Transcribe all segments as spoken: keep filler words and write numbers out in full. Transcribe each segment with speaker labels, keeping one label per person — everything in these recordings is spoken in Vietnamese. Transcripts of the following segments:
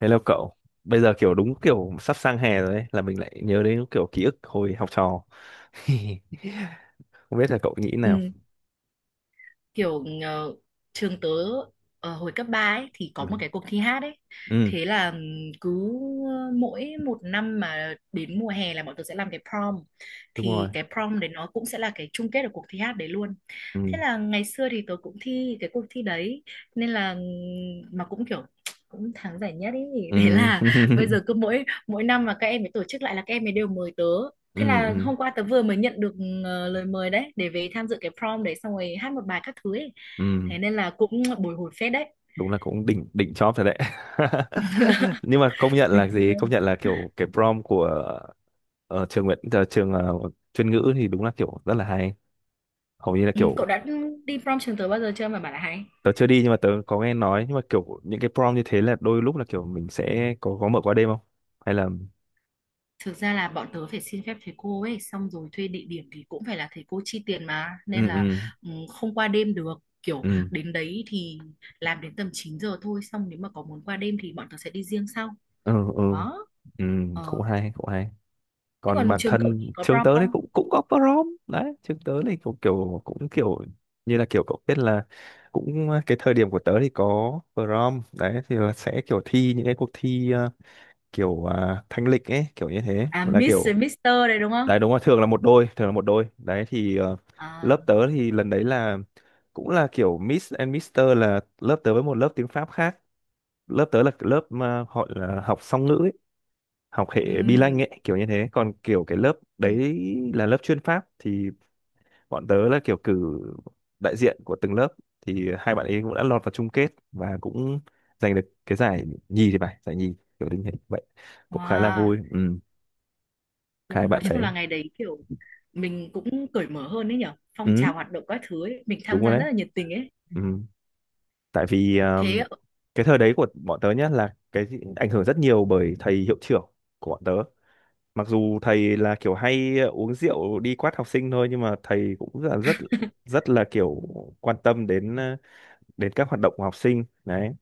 Speaker 1: Hello cậu, bây giờ kiểu đúng kiểu sắp sang hè rồi ấy, là mình lại nhớ đến kiểu ký ức hồi học trò. Không biết là cậu nghĩ nào?
Speaker 2: Ừ, kiểu ờ, trường tớ ờ, hồi cấp ba ấy thì có
Speaker 1: Ừ,
Speaker 2: một cái cuộc thi hát ấy.
Speaker 1: ừ,
Speaker 2: Thế là ừm, cứ mỗi một năm mà đến mùa hè là bọn tớ sẽ làm cái prom.
Speaker 1: đúng rồi.
Speaker 2: Thì cái prom đấy nó cũng sẽ là cái chung kết của cuộc thi hát đấy luôn. Thế
Speaker 1: Ừ,
Speaker 2: là ngày xưa thì tớ cũng thi cái cuộc thi đấy nên là ừm, mà cũng kiểu cũng thắng giải nhất ý.
Speaker 1: ừ,
Speaker 2: Thế là bây giờ cứ mỗi mỗi năm mà các em ấy tổ chức lại là các em ấy đều mời tớ. Thế
Speaker 1: ừ,
Speaker 2: là
Speaker 1: ừ,
Speaker 2: hôm qua tớ vừa mới nhận được ờ, lời mời đấy để về tham dự cái prom đấy xong rồi hát một bài các thứ ấy.
Speaker 1: ừ,
Speaker 2: Thế nên là cũng bồi hồi phết đấy.
Speaker 1: đúng là cũng đỉnh đỉnh chóp rồi đấy. Nhưng mà công nhận là
Speaker 2: Bình
Speaker 1: gì? Công
Speaker 2: thường.
Speaker 1: nhận là kiểu cái prom của ờ, trường Nguyễn, ờ, trường ờ, chuyên ngữ thì đúng là kiểu rất là hay. Hầu như là
Speaker 2: Ừ, cậu
Speaker 1: kiểu.
Speaker 2: đã đi prom trường tớ bao giờ chưa mà bảo là hay?
Speaker 1: Tớ chưa đi nhưng mà tớ có nghe nói, nhưng mà kiểu những cái prom như thế là đôi lúc là kiểu mình sẽ có có mở qua đêm không, hay là.
Speaker 2: Thực ra là bọn tớ phải xin phép thầy cô ấy xong rồi thuê địa điểm thì cũng phải là thầy cô chi tiền mà
Speaker 1: Ừ,
Speaker 2: nên là
Speaker 1: ừ,
Speaker 2: ừ, không qua đêm được. Kiểu
Speaker 1: ừ,
Speaker 2: đến đấy thì làm đến tầm chín giờ thôi, xong nếu mà có muốn qua đêm thì bọn tớ sẽ đi riêng sau.
Speaker 1: ừ, ừ,
Speaker 2: Đó.
Speaker 1: ừ,
Speaker 2: Ờ.
Speaker 1: cũng hay, cũng hay.
Speaker 2: Thế
Speaker 1: Còn
Speaker 2: còn
Speaker 1: bản
Speaker 2: trường cậu thì
Speaker 1: thân
Speaker 2: có
Speaker 1: trường
Speaker 2: prom
Speaker 1: tớ đấy
Speaker 2: không?
Speaker 1: cũng cũng có prom đấy. Trường tớ này cũng kiểu cũng kiểu như là kiểu cậu biết là, cũng cái thời điểm của tớ thì có prom đấy, thì là sẽ kiểu thi những cái cuộc thi, ờ, kiểu à, thanh lịch ấy, kiểu như thế
Speaker 2: À,
Speaker 1: là
Speaker 2: Miss với
Speaker 1: kiểu.
Speaker 2: Mister đấy đúng không?
Speaker 1: Đấy đúng rồi, thường là một đôi, thường là một đôi đấy thì, ờ, lớp
Speaker 2: À,
Speaker 1: tớ thì lần đấy là cũng là kiểu Miss and Mister, là lớp tớ với một lớp tiếng Pháp khác. Lớp tớ là lớp mà họ là học song ngữ ấy, học
Speaker 2: ừ.
Speaker 1: hệ bi lanh ấy kiểu như thế, còn kiểu cái lớp
Speaker 2: Ừ.
Speaker 1: đấy là lớp chuyên Pháp. Thì bọn tớ là kiểu cử đại diện của từng lớp, thì hai bạn ấy cũng đã lọt vào chung kết và cũng giành được cái giải nhì, thì phải giải nhì kiểu như thế vậy, cũng khá là
Speaker 2: Wow.
Speaker 1: vui. Ừ,
Speaker 2: Ừ,
Speaker 1: hai
Speaker 2: nói
Speaker 1: bạn
Speaker 2: chung là
Speaker 1: đấy.
Speaker 2: ngày đấy kiểu mình cũng cởi mở hơn đấy nhở, phong
Speaker 1: Ừ,
Speaker 2: trào hoạt động các thứ ấy mình
Speaker 1: đúng
Speaker 2: tham
Speaker 1: rồi
Speaker 2: gia
Speaker 1: đấy.
Speaker 2: rất là nhiệt tình ấy
Speaker 1: Ừ. Tại vì
Speaker 2: thế.
Speaker 1: um, cái thời đấy của bọn tớ nhá là cái ảnh hưởng rất nhiều bởi thầy hiệu trưởng của bọn tớ. Mặc dù thầy là kiểu hay uống rượu đi quát học sinh thôi, nhưng mà thầy cũng rất là rất rất là kiểu quan tâm đến, ờ, đến các hoạt động của học sinh đấy.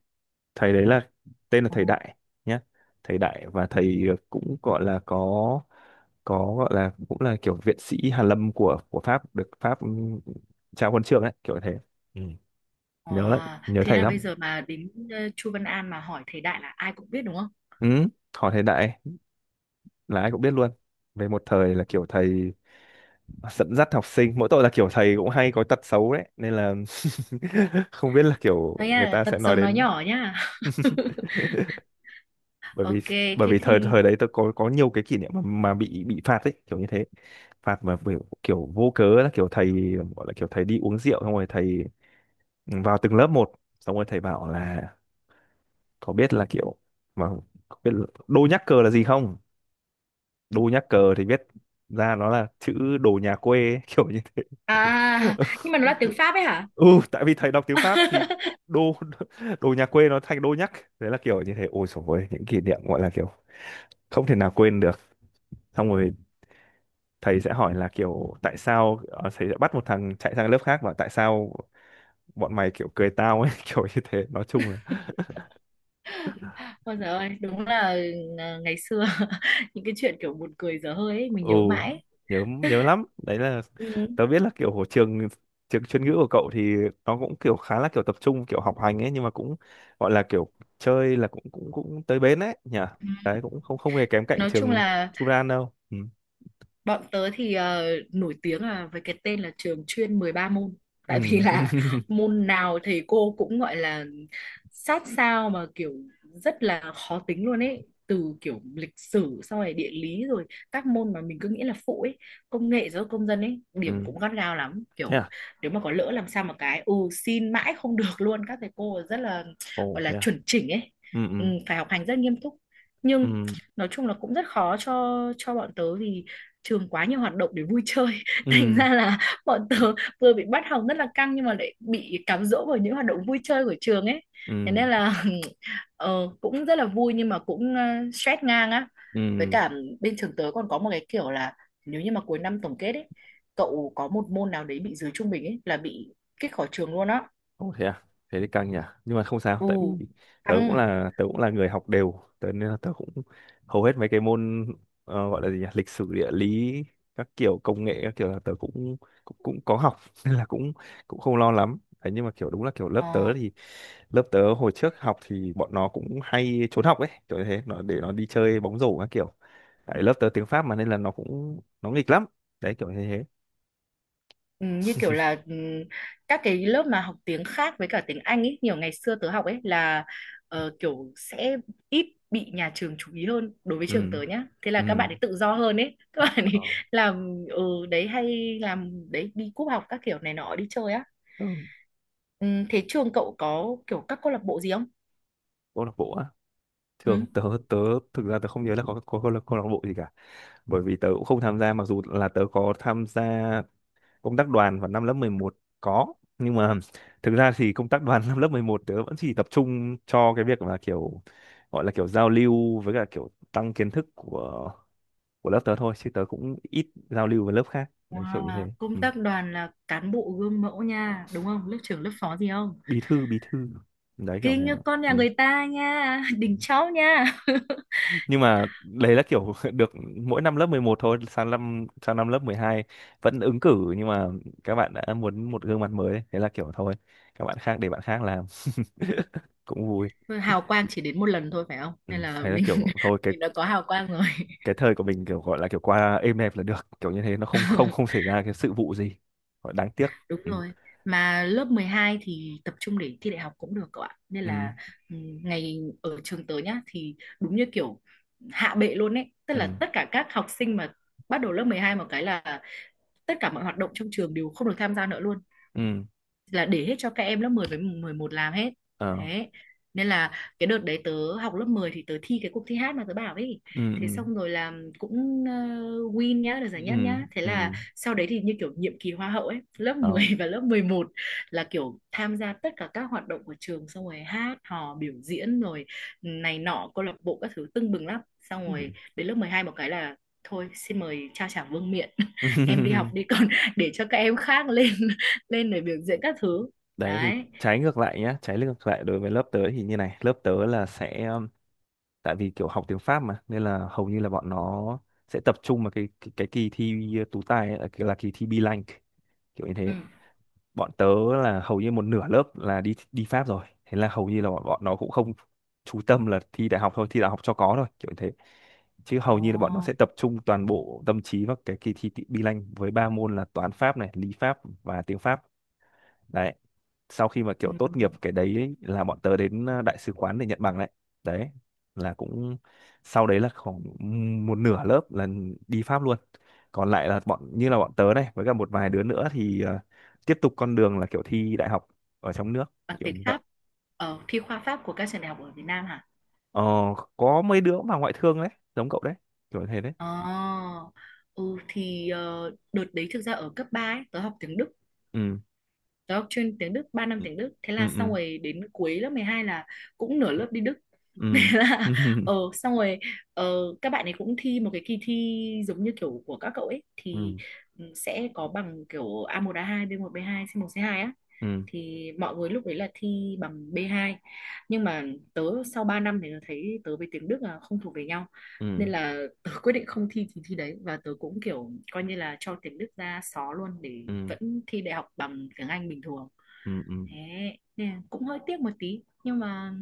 Speaker 1: Thầy đấy là tên là
Speaker 2: Ồ,
Speaker 1: thầy Đại nhá. Thầy Đại, và thầy cũng gọi là có có gọi là cũng là kiểu viện sĩ Hàn Lâm của của Pháp, được Pháp ừm, trao huân chương đấy kiểu thế. Ừ. Nhớ lắm,
Speaker 2: wow.
Speaker 1: nhớ
Speaker 2: Thế
Speaker 1: thầy
Speaker 2: là bây
Speaker 1: lắm.
Speaker 2: giờ mà đến ờ, Chu Văn An mà hỏi thầy Đại là ai cũng biết đúng không?
Speaker 1: Ừ. Hỏi thầy Đại là ai cũng biết luôn. Về một thời là kiểu thầy dẫn dắt học sinh, mỗi tội là kiểu thầy cũng hay có tật xấu đấy nên là, không biết là kiểu
Speaker 2: Đấy
Speaker 1: người
Speaker 2: là
Speaker 1: ta
Speaker 2: tật
Speaker 1: sẽ nói
Speaker 2: xấu nói
Speaker 1: đến.
Speaker 2: nhỏ nhá.
Speaker 1: bởi vì
Speaker 2: Ok,
Speaker 1: bởi
Speaker 2: thế
Speaker 1: vì thời
Speaker 2: thì
Speaker 1: thời đấy tôi có có nhiều cái kỷ niệm mà, mà bị bị phạt ấy, kiểu như thế. Phạt mà kiểu, kiểu vô cớ, là kiểu thầy, gọi là kiểu thầy đi uống rượu xong rồi thầy vào từng lớp một, xong rồi thầy bảo là có biết là kiểu mà, có biết là đô nhắc cờ là gì không. Đô nhắc cờ thì biết ra nó là chữ đồ nhà quê ấy, kiểu như.
Speaker 2: à nhưng mà nó là tiếng Pháp ấy hả?
Speaker 1: Ừ, tại vì thầy đọc tiếng Pháp thì đô đồ nhà quê nó thành đô nhắc. Đấy là kiểu như thế. Ôi dồi ôi, những kỷ niệm gọi là kiểu không thể nào quên được. Xong rồi thầy sẽ hỏi là kiểu tại sao, ờ, thầy sẽ bắt một thằng chạy sang lớp khác và tại sao bọn mày kiểu cười tao ấy, kiểu như thế nói chung là.
Speaker 2: Ôi giời ơi, đúng là ờ, ngày xưa những cái chuyện kiểu buồn cười dở hơi ấy, mình
Speaker 1: Ừ,
Speaker 2: nhớ mãi.
Speaker 1: nhớ nhớ lắm đấy là.
Speaker 2: Ừ.
Speaker 1: Tớ biết là kiểu trường, trường chuyên ngữ của cậu thì nó cũng kiểu khá là kiểu tập trung kiểu học hành ấy, nhưng mà cũng gọi là kiểu chơi là cũng cũng cũng tới bến ấy nhỉ. Đấy cũng không không hề kém cạnh
Speaker 2: Nói chung
Speaker 1: trường
Speaker 2: là
Speaker 1: Churan đâu. Ừ.
Speaker 2: bọn tớ thì ờ, nổi tiếng là với cái tên là trường chuyên mười ba môn. Tại vì
Speaker 1: Ừ.
Speaker 2: là môn nào thầy cô cũng gọi là sát sao mà kiểu rất là khó tính luôn ấy. Từ kiểu lịch sử xong rồi địa lý rồi các môn mà mình cứ nghĩ là phụ ấy, công nghệ giáo dục công dân ấy, điểm
Speaker 1: Ừ,
Speaker 2: cũng gắt gao lắm.
Speaker 1: thế
Speaker 2: Kiểu
Speaker 1: à.
Speaker 2: nếu mà có lỡ làm sao mà cái ừ xin mãi không được luôn, các thầy cô rất là
Speaker 1: Ồ,
Speaker 2: gọi là
Speaker 1: thế à.
Speaker 2: chuẩn chỉnh ấy.
Speaker 1: Ừ,
Speaker 2: Ừ,
Speaker 1: ừ,
Speaker 2: phải học hành rất nghiêm túc.
Speaker 1: ừ,
Speaker 2: Nhưng nói chung là cũng rất khó cho cho bọn tớ vì trường quá nhiều hoạt động để vui chơi, thành
Speaker 1: ừ,
Speaker 2: ra là bọn tớ vừa bị bắt học rất là căng nhưng mà lại bị cám dỗ bởi những hoạt động vui chơi của trường ấy, thế
Speaker 1: ừ,
Speaker 2: nên là ờ, cũng rất là vui nhưng mà cũng ờ, stress ngang á. Với
Speaker 1: ừ.
Speaker 2: cả bên trường tớ còn có một cái kiểu là nếu như mà cuối năm tổng kết ấy, cậu có một môn nào đấy bị dưới trung bình ấy là bị kích khỏi trường luôn á.
Speaker 1: Ồ, thế à? Thế thì căng nhỉ. Nhưng mà không sao, tại
Speaker 2: Ồ,
Speaker 1: vì tớ cũng
Speaker 2: căng.
Speaker 1: là, tớ cũng là người học đều, tớ nên là tớ cũng hầu hết mấy cái môn, ờ, gọi là gì nhỉ? Lịch sử, địa lý, các kiểu công nghệ các kiểu, là tớ cũng cũng, cũng có học, nên là cũng cũng không lo lắm. Đấy, nhưng mà kiểu đúng là kiểu lớp tớ
Speaker 2: Ờ.
Speaker 1: thì lớp tớ hồi trước học thì bọn nó cũng hay trốn học ấy, kiểu như thế, nó để nó đi chơi bóng rổ các kiểu. Tại lớp tớ tiếng Pháp mà nên là nó cũng nó nghịch lắm. Đấy kiểu như thế.
Speaker 2: Ừ, như kiểu là ừ, các cái lớp mà học tiếng khác với cả tiếng Anh ấy, nhiều ngày xưa tớ học ấy là ờ, kiểu sẽ ít bị nhà trường chú ý hơn đối với trường
Speaker 1: Ừ.
Speaker 2: tớ nhá. Thế là các
Speaker 1: Ừ.
Speaker 2: bạn ấy tự do hơn ấy. Các bạn
Speaker 1: Ờ.
Speaker 2: ấy làm ừ, đấy hay làm đấy, đi cúp học các kiểu này nọ đi chơi á.
Speaker 1: Ừ.
Speaker 2: Ừ, thế trường cậu có kiểu các câu lạc bộ gì không?
Speaker 1: Câu lạc bộ á, thường
Speaker 2: Ừ.
Speaker 1: tớ tớ thực ra tớ không nhớ là có có câu lạc câu lạc bộ gì cả, bởi vì tớ cũng không tham gia. Mặc dù là tớ có tham gia công tác đoàn vào năm lớp mười một có, nhưng mà thực ra thì công tác đoàn năm lớp mười một tớ vẫn chỉ tập trung cho cái việc là kiểu gọi là kiểu giao lưu với cả kiểu tăng kiến thức của của lớp tớ thôi, chứ tớ cũng ít giao lưu với lớp khác đấy kiểu như
Speaker 2: Wow,
Speaker 1: thế. Ừ.
Speaker 2: công tác đoàn là cán bộ gương mẫu nha, đúng không? Lớp trưởng lớp phó gì không?
Speaker 1: Bí thư, bí thư, đấy kiểu
Speaker 2: Kinh
Speaker 1: thế.
Speaker 2: như con nhà
Speaker 1: Ừ.
Speaker 2: người ta nha, đỉnh cháu nha.
Speaker 1: Nhưng mà đấy là kiểu được mỗi năm lớp mười một thôi. Sang năm, sang năm lớp mười hai vẫn ứng cử, nhưng mà các bạn đã muốn một gương mặt mới ấy. Thế là kiểu thôi, các bạn khác, để bạn khác làm. Cũng vui.
Speaker 2: Thôi, hào quang chỉ đến một lần thôi phải không?
Speaker 1: Ừ,
Speaker 2: Nên là
Speaker 1: thế là
Speaker 2: mình
Speaker 1: kiểu thôi cái
Speaker 2: mình đã có hào quang rồi.
Speaker 1: cái thời của mình kiểu gọi là kiểu qua êm đẹp là được, kiểu như thế nó không không không xảy ra cái sự vụ gì gọi đáng tiếc.
Speaker 2: Đúng
Speaker 1: Ừ,
Speaker 2: rồi. Mà lớp mười hai thì tập trung để thi đại học cũng được cậu ạ. Nên
Speaker 1: ừ,
Speaker 2: là ừ, ngày ở trường tớ nhá thì đúng như kiểu hạ bệ luôn ấy, tức
Speaker 1: ừ,
Speaker 2: là tất cả các học sinh mà bắt đầu lớp mười hai một cái là tất cả mọi hoạt động trong trường đều không được tham gia nữa luôn,
Speaker 1: ừ,
Speaker 2: là để hết cho các em lớp mười với mười một làm hết.
Speaker 1: ờ,
Speaker 2: Thế nên là cái đợt đấy tớ học lớp mười thì tớ thi cái cuộc thi hát mà tớ bảo ấy,
Speaker 1: ừ,
Speaker 2: thế
Speaker 1: ừ,
Speaker 2: xong rồi là cũng ờ, win nhá, được giải nhất
Speaker 1: ừ,
Speaker 2: nhá, thế
Speaker 1: ừ,
Speaker 2: là sau đấy thì như kiểu nhiệm kỳ hoa hậu ấy, lớp
Speaker 1: ờ,
Speaker 2: mười và lớp mười một là kiểu tham gia tất cả các hoạt động của trường xong rồi hát hò biểu diễn rồi này nọ câu lạc bộ các thứ tưng bừng lắm, xong
Speaker 1: ừ.
Speaker 2: rồi đến lớp mười hai một cái là thôi xin mời trao trả vương miện, em đi học đi, còn để cho các em khác lên lên để biểu diễn các thứ
Speaker 1: Đấy thì
Speaker 2: đấy
Speaker 1: trái ngược lại nhá, trái ngược lại đối với lớp tớ thì như này. Lớp tớ là sẽ um, tại vì kiểu học tiếng Pháp mà nên là hầu như là bọn nó sẽ tập trung vào cái cái, cái kỳ thi tú tài ấy, là, là kỳ thi B-Language kiểu như
Speaker 2: ừ.
Speaker 1: thế. Bọn tớ là hầu như một nửa lớp là đi đi Pháp rồi. Thế là hầu như là bọn, bọn nó cũng không chú tâm là thi đại học thôi, thi đại học cho có thôi kiểu như thế, chứ
Speaker 2: Ồ.
Speaker 1: hầu như là bọn nó sẽ tập trung toàn bộ tâm trí vào cái kỳ thi B-Language với ba môn là toán Pháp này, lý Pháp và tiếng Pháp đấy. Sau khi mà
Speaker 2: Ừ.
Speaker 1: kiểu tốt nghiệp cái đấy ấy, là bọn tớ đến, ờ, đại sứ quán để nhận bằng đấy. Đấy là cũng, sau đấy là khoảng một nửa lớp là đi Pháp luôn. Còn lại là bọn như là bọn tớ này với cả một vài đứa nữa thì, ờ, tiếp tục con đường là kiểu thi đại học ở trong nước
Speaker 2: Bằng
Speaker 1: kiểu
Speaker 2: tiếng
Speaker 1: như vậy.
Speaker 2: Pháp, ở thi khoa Pháp của các trường đại học ở Việt Nam hả?
Speaker 1: ờ, có mấy đứa mà ngoại thương đấy, giống cậu đấy kiểu thế đấy.
Speaker 2: Ồ. Ừ thì ờ, đợt đấy thực ra ở cấp ba ấy, tớ học tiếng Đức,
Speaker 1: Ừ,
Speaker 2: tớ học chuyên tiếng Đức ba năm
Speaker 1: ừ,
Speaker 2: tiếng Đức, thế là xong
Speaker 1: ừ,
Speaker 2: rồi đến cuối lớp mười hai là cũng nửa lớp đi Đức. Thế
Speaker 1: ừ,
Speaker 2: là
Speaker 1: ừ,
Speaker 2: ờ xong rồi ờ, các bạn ấy cũng thi một cái kỳ thi giống như kiểu của các cậu ấy,
Speaker 1: ừ,
Speaker 2: thì ừ, sẽ có bằng kiểu a một a hai, b một b hai, c một c hai á,
Speaker 1: ừ,
Speaker 2: thì mọi người lúc đấy là thi bằng bê hai. Nhưng mà tớ sau ba năm thì tớ thấy tớ với tiếng Đức là không thuộc về nhau, nên
Speaker 1: ừ,
Speaker 2: là tớ quyết định không thi thì thi đấy, và tớ cũng kiểu coi như là cho tiếng Đức ra xó luôn để
Speaker 1: ừ,
Speaker 2: vẫn thi đại học bằng tiếng Anh bình thường.
Speaker 1: ừ, ừ.
Speaker 2: Thế nên là cũng hơi tiếc một tí nhưng mà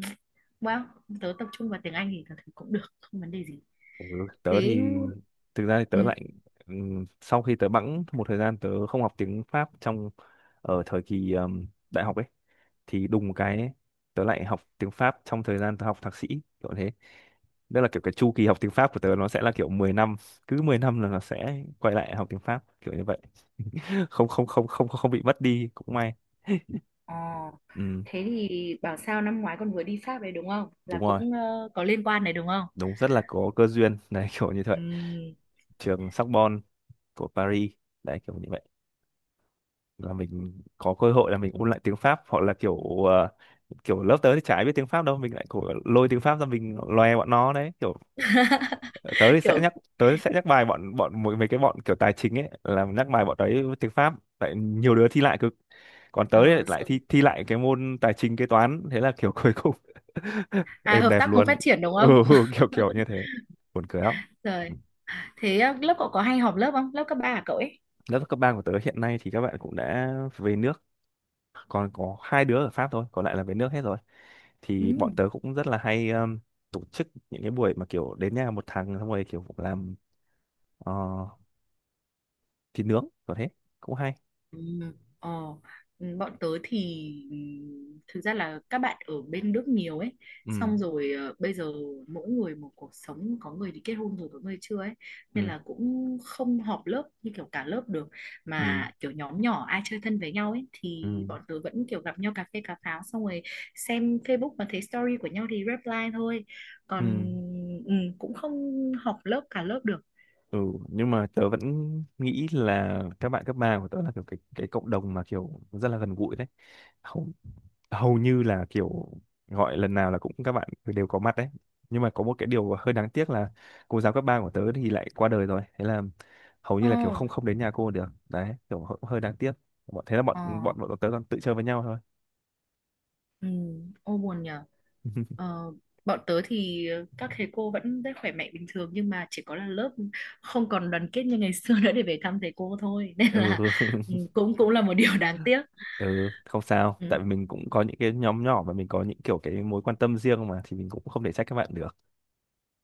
Speaker 2: well, tớ tập trung vào tiếng Anh thì tớ thấy cũng được, không vấn đề gì
Speaker 1: Ừ, tớ
Speaker 2: thế.
Speaker 1: thì thực ra thì
Speaker 2: Ừ.
Speaker 1: tớ lại ừm, sau khi tớ bẵng một thời gian tớ không học tiếng Pháp, trong ở thời kỳ ừm, đại học ấy, thì đùng một cái ấy, tớ lại học tiếng Pháp trong thời gian tớ học thạc sĩ kiểu thế. Đó là kiểu cái chu kỳ học tiếng Pháp của tớ, nó sẽ là kiểu mười năm. Cứ mười năm là nó sẽ quay lại học tiếng Pháp kiểu như vậy. không không không không không bị mất đi cũng may.
Speaker 2: ờ,
Speaker 1: Ừ,
Speaker 2: Thế thì bảo sao năm ngoái con vừa đi Pháp đấy đúng không,
Speaker 1: đúng
Speaker 2: là
Speaker 1: rồi,
Speaker 2: cũng ờ, có liên quan đấy đúng không?
Speaker 1: đúng rất là có cơ duyên đấy kiểu như vậy.
Speaker 2: Ừ.
Speaker 1: Trường Sorbonne của Paris, đấy kiểu như vậy, là mình có cơ hội là mình ôn lại tiếng Pháp. Hoặc là kiểu, ờ, kiểu lớp tớ thì chả ai biết tiếng Pháp đâu, mình lại kiểu lôi tiếng Pháp ra mình loè bọn nó đấy kiểu. Ờ, tớ thì sẽ
Speaker 2: Kiểu
Speaker 1: nhắc, tớ sẽ nhắc bài bọn bọn mấy mấy cái bọn kiểu tài chính ấy, là nhắc bài bọn đấy tiếng Pháp. Tại nhiều đứa thi lại cực, còn tớ thì
Speaker 2: ờ,
Speaker 1: lại
Speaker 2: sao-
Speaker 1: thi thi lại cái môn tài chính kế toán, thế là kiểu cuối cùng
Speaker 2: à,
Speaker 1: êm
Speaker 2: hợp
Speaker 1: đẹp
Speaker 2: tác cùng phát
Speaker 1: luôn.
Speaker 2: triển đúng
Speaker 1: Ừ, ừ,
Speaker 2: không?
Speaker 1: kiểu kiểu như thế, buồn cười lắm. Ừ.
Speaker 2: Rồi. Thế ờ, lớp cậu có hay họp lớp không? Lớp cấp ba của cậu ấy.
Speaker 1: Lớp cấp ba của tớ hiện nay thì các bạn cũng đã về nước, còn có hai đứa ở Pháp thôi, còn lại là về nước hết rồi.
Speaker 2: Ừ.
Speaker 1: Thì bọn tớ cũng rất là hay um, tổ chức những cái buổi mà kiểu đến nhà một thằng xong rồi kiểu làm, ờ, thịt nướng có thế, cũng hay.
Speaker 2: Ừ, Ờ, ừ, bọn tớ thì ừ, thực ra là các bạn ở bên Đức nhiều ấy,
Speaker 1: Ừ,
Speaker 2: xong rồi ờ, bây giờ mỗi người một cuộc sống, có người thì kết hôn rồi có người chưa ấy,
Speaker 1: ừ,
Speaker 2: nên là cũng không họp lớp như kiểu cả lớp được,
Speaker 1: ừ,
Speaker 2: mà kiểu nhóm nhỏ ai chơi thân với nhau ấy
Speaker 1: ừ,
Speaker 2: thì bọn tớ vẫn kiểu gặp nhau cà phê cà pháo, xong rồi xem Facebook mà thấy story của nhau thì reply thôi,
Speaker 1: ừ,
Speaker 2: còn ừ, cũng không họp lớp cả lớp được.
Speaker 1: ừ. Nhưng mà tớ vẫn nghĩ là các bạn cấp ba của tớ là kiểu cái cái cộng đồng mà kiểu rất là gần gũi đấy. Không, hầu như là kiểu gọi lần nào là cũng các bạn đều có mặt đấy. Nhưng mà có một cái điều hơi đáng tiếc là cô giáo cấp ba của tớ thì lại qua đời rồi, thế là hầu như
Speaker 2: Ồ,
Speaker 1: là kiểu không không đến nhà cô được đấy, kiểu hơi, hơi đáng tiếc. Bọn thế là
Speaker 2: ờ,
Speaker 1: bọn bọn bọn tớ còn tự chơi với nhau thôi.
Speaker 2: ừ, ô buồn nhỉ. Ờ, bọn tớ thì các thầy cô vẫn rất khỏe mạnh bình thường, nhưng mà chỉ có là lớp không còn đoàn kết như ngày xưa nữa để về thăm thầy cô thôi, nên là
Speaker 1: Ừ.
Speaker 2: ừ, cũng cũng là một điều đáng tiếc
Speaker 1: Ừ, không sao,
Speaker 2: ừ,
Speaker 1: tại vì mình cũng có những cái nhóm nhỏ và mình có những kiểu cái mối quan tâm riêng mà, thì mình cũng không thể trách các bạn được.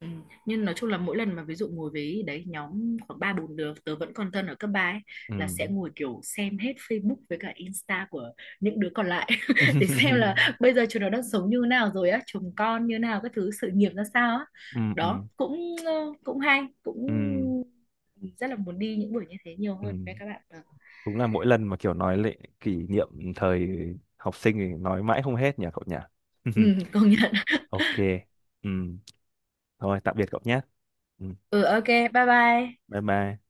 Speaker 2: ừ. Nhưng nói chung là mỗi lần mà ví dụ ngồi với đấy nhóm khoảng ba bốn đứa tớ vẫn còn thân ở cấp ba ấy,
Speaker 1: Ừ.
Speaker 2: là sẽ ngồi kiểu xem hết Facebook với cả Insta của những đứa còn lại để xem là bây giờ chúng nó đang sống như thế nào rồi á, chồng con như thế nào, các thứ sự nghiệp ra sao á.
Speaker 1: Ừ, ừ,
Speaker 2: Đó cũng ờ, cũng hay, cũng
Speaker 1: ừ,
Speaker 2: rất là muốn đi những buổi như thế nhiều
Speaker 1: ừ.
Speaker 2: hơn với các bạn. Vâng.
Speaker 1: Đúng là mỗi lần mà kiểu nói lại kỷ niệm thời học sinh thì nói mãi không hết nhỉ cậu nhỉ?
Speaker 2: Ừ, công nhận.
Speaker 1: Ok. Ừ. Thôi tạm biệt cậu nhé. Ừ.
Speaker 2: Ừ, ok, bye bye.
Speaker 1: Bye bye.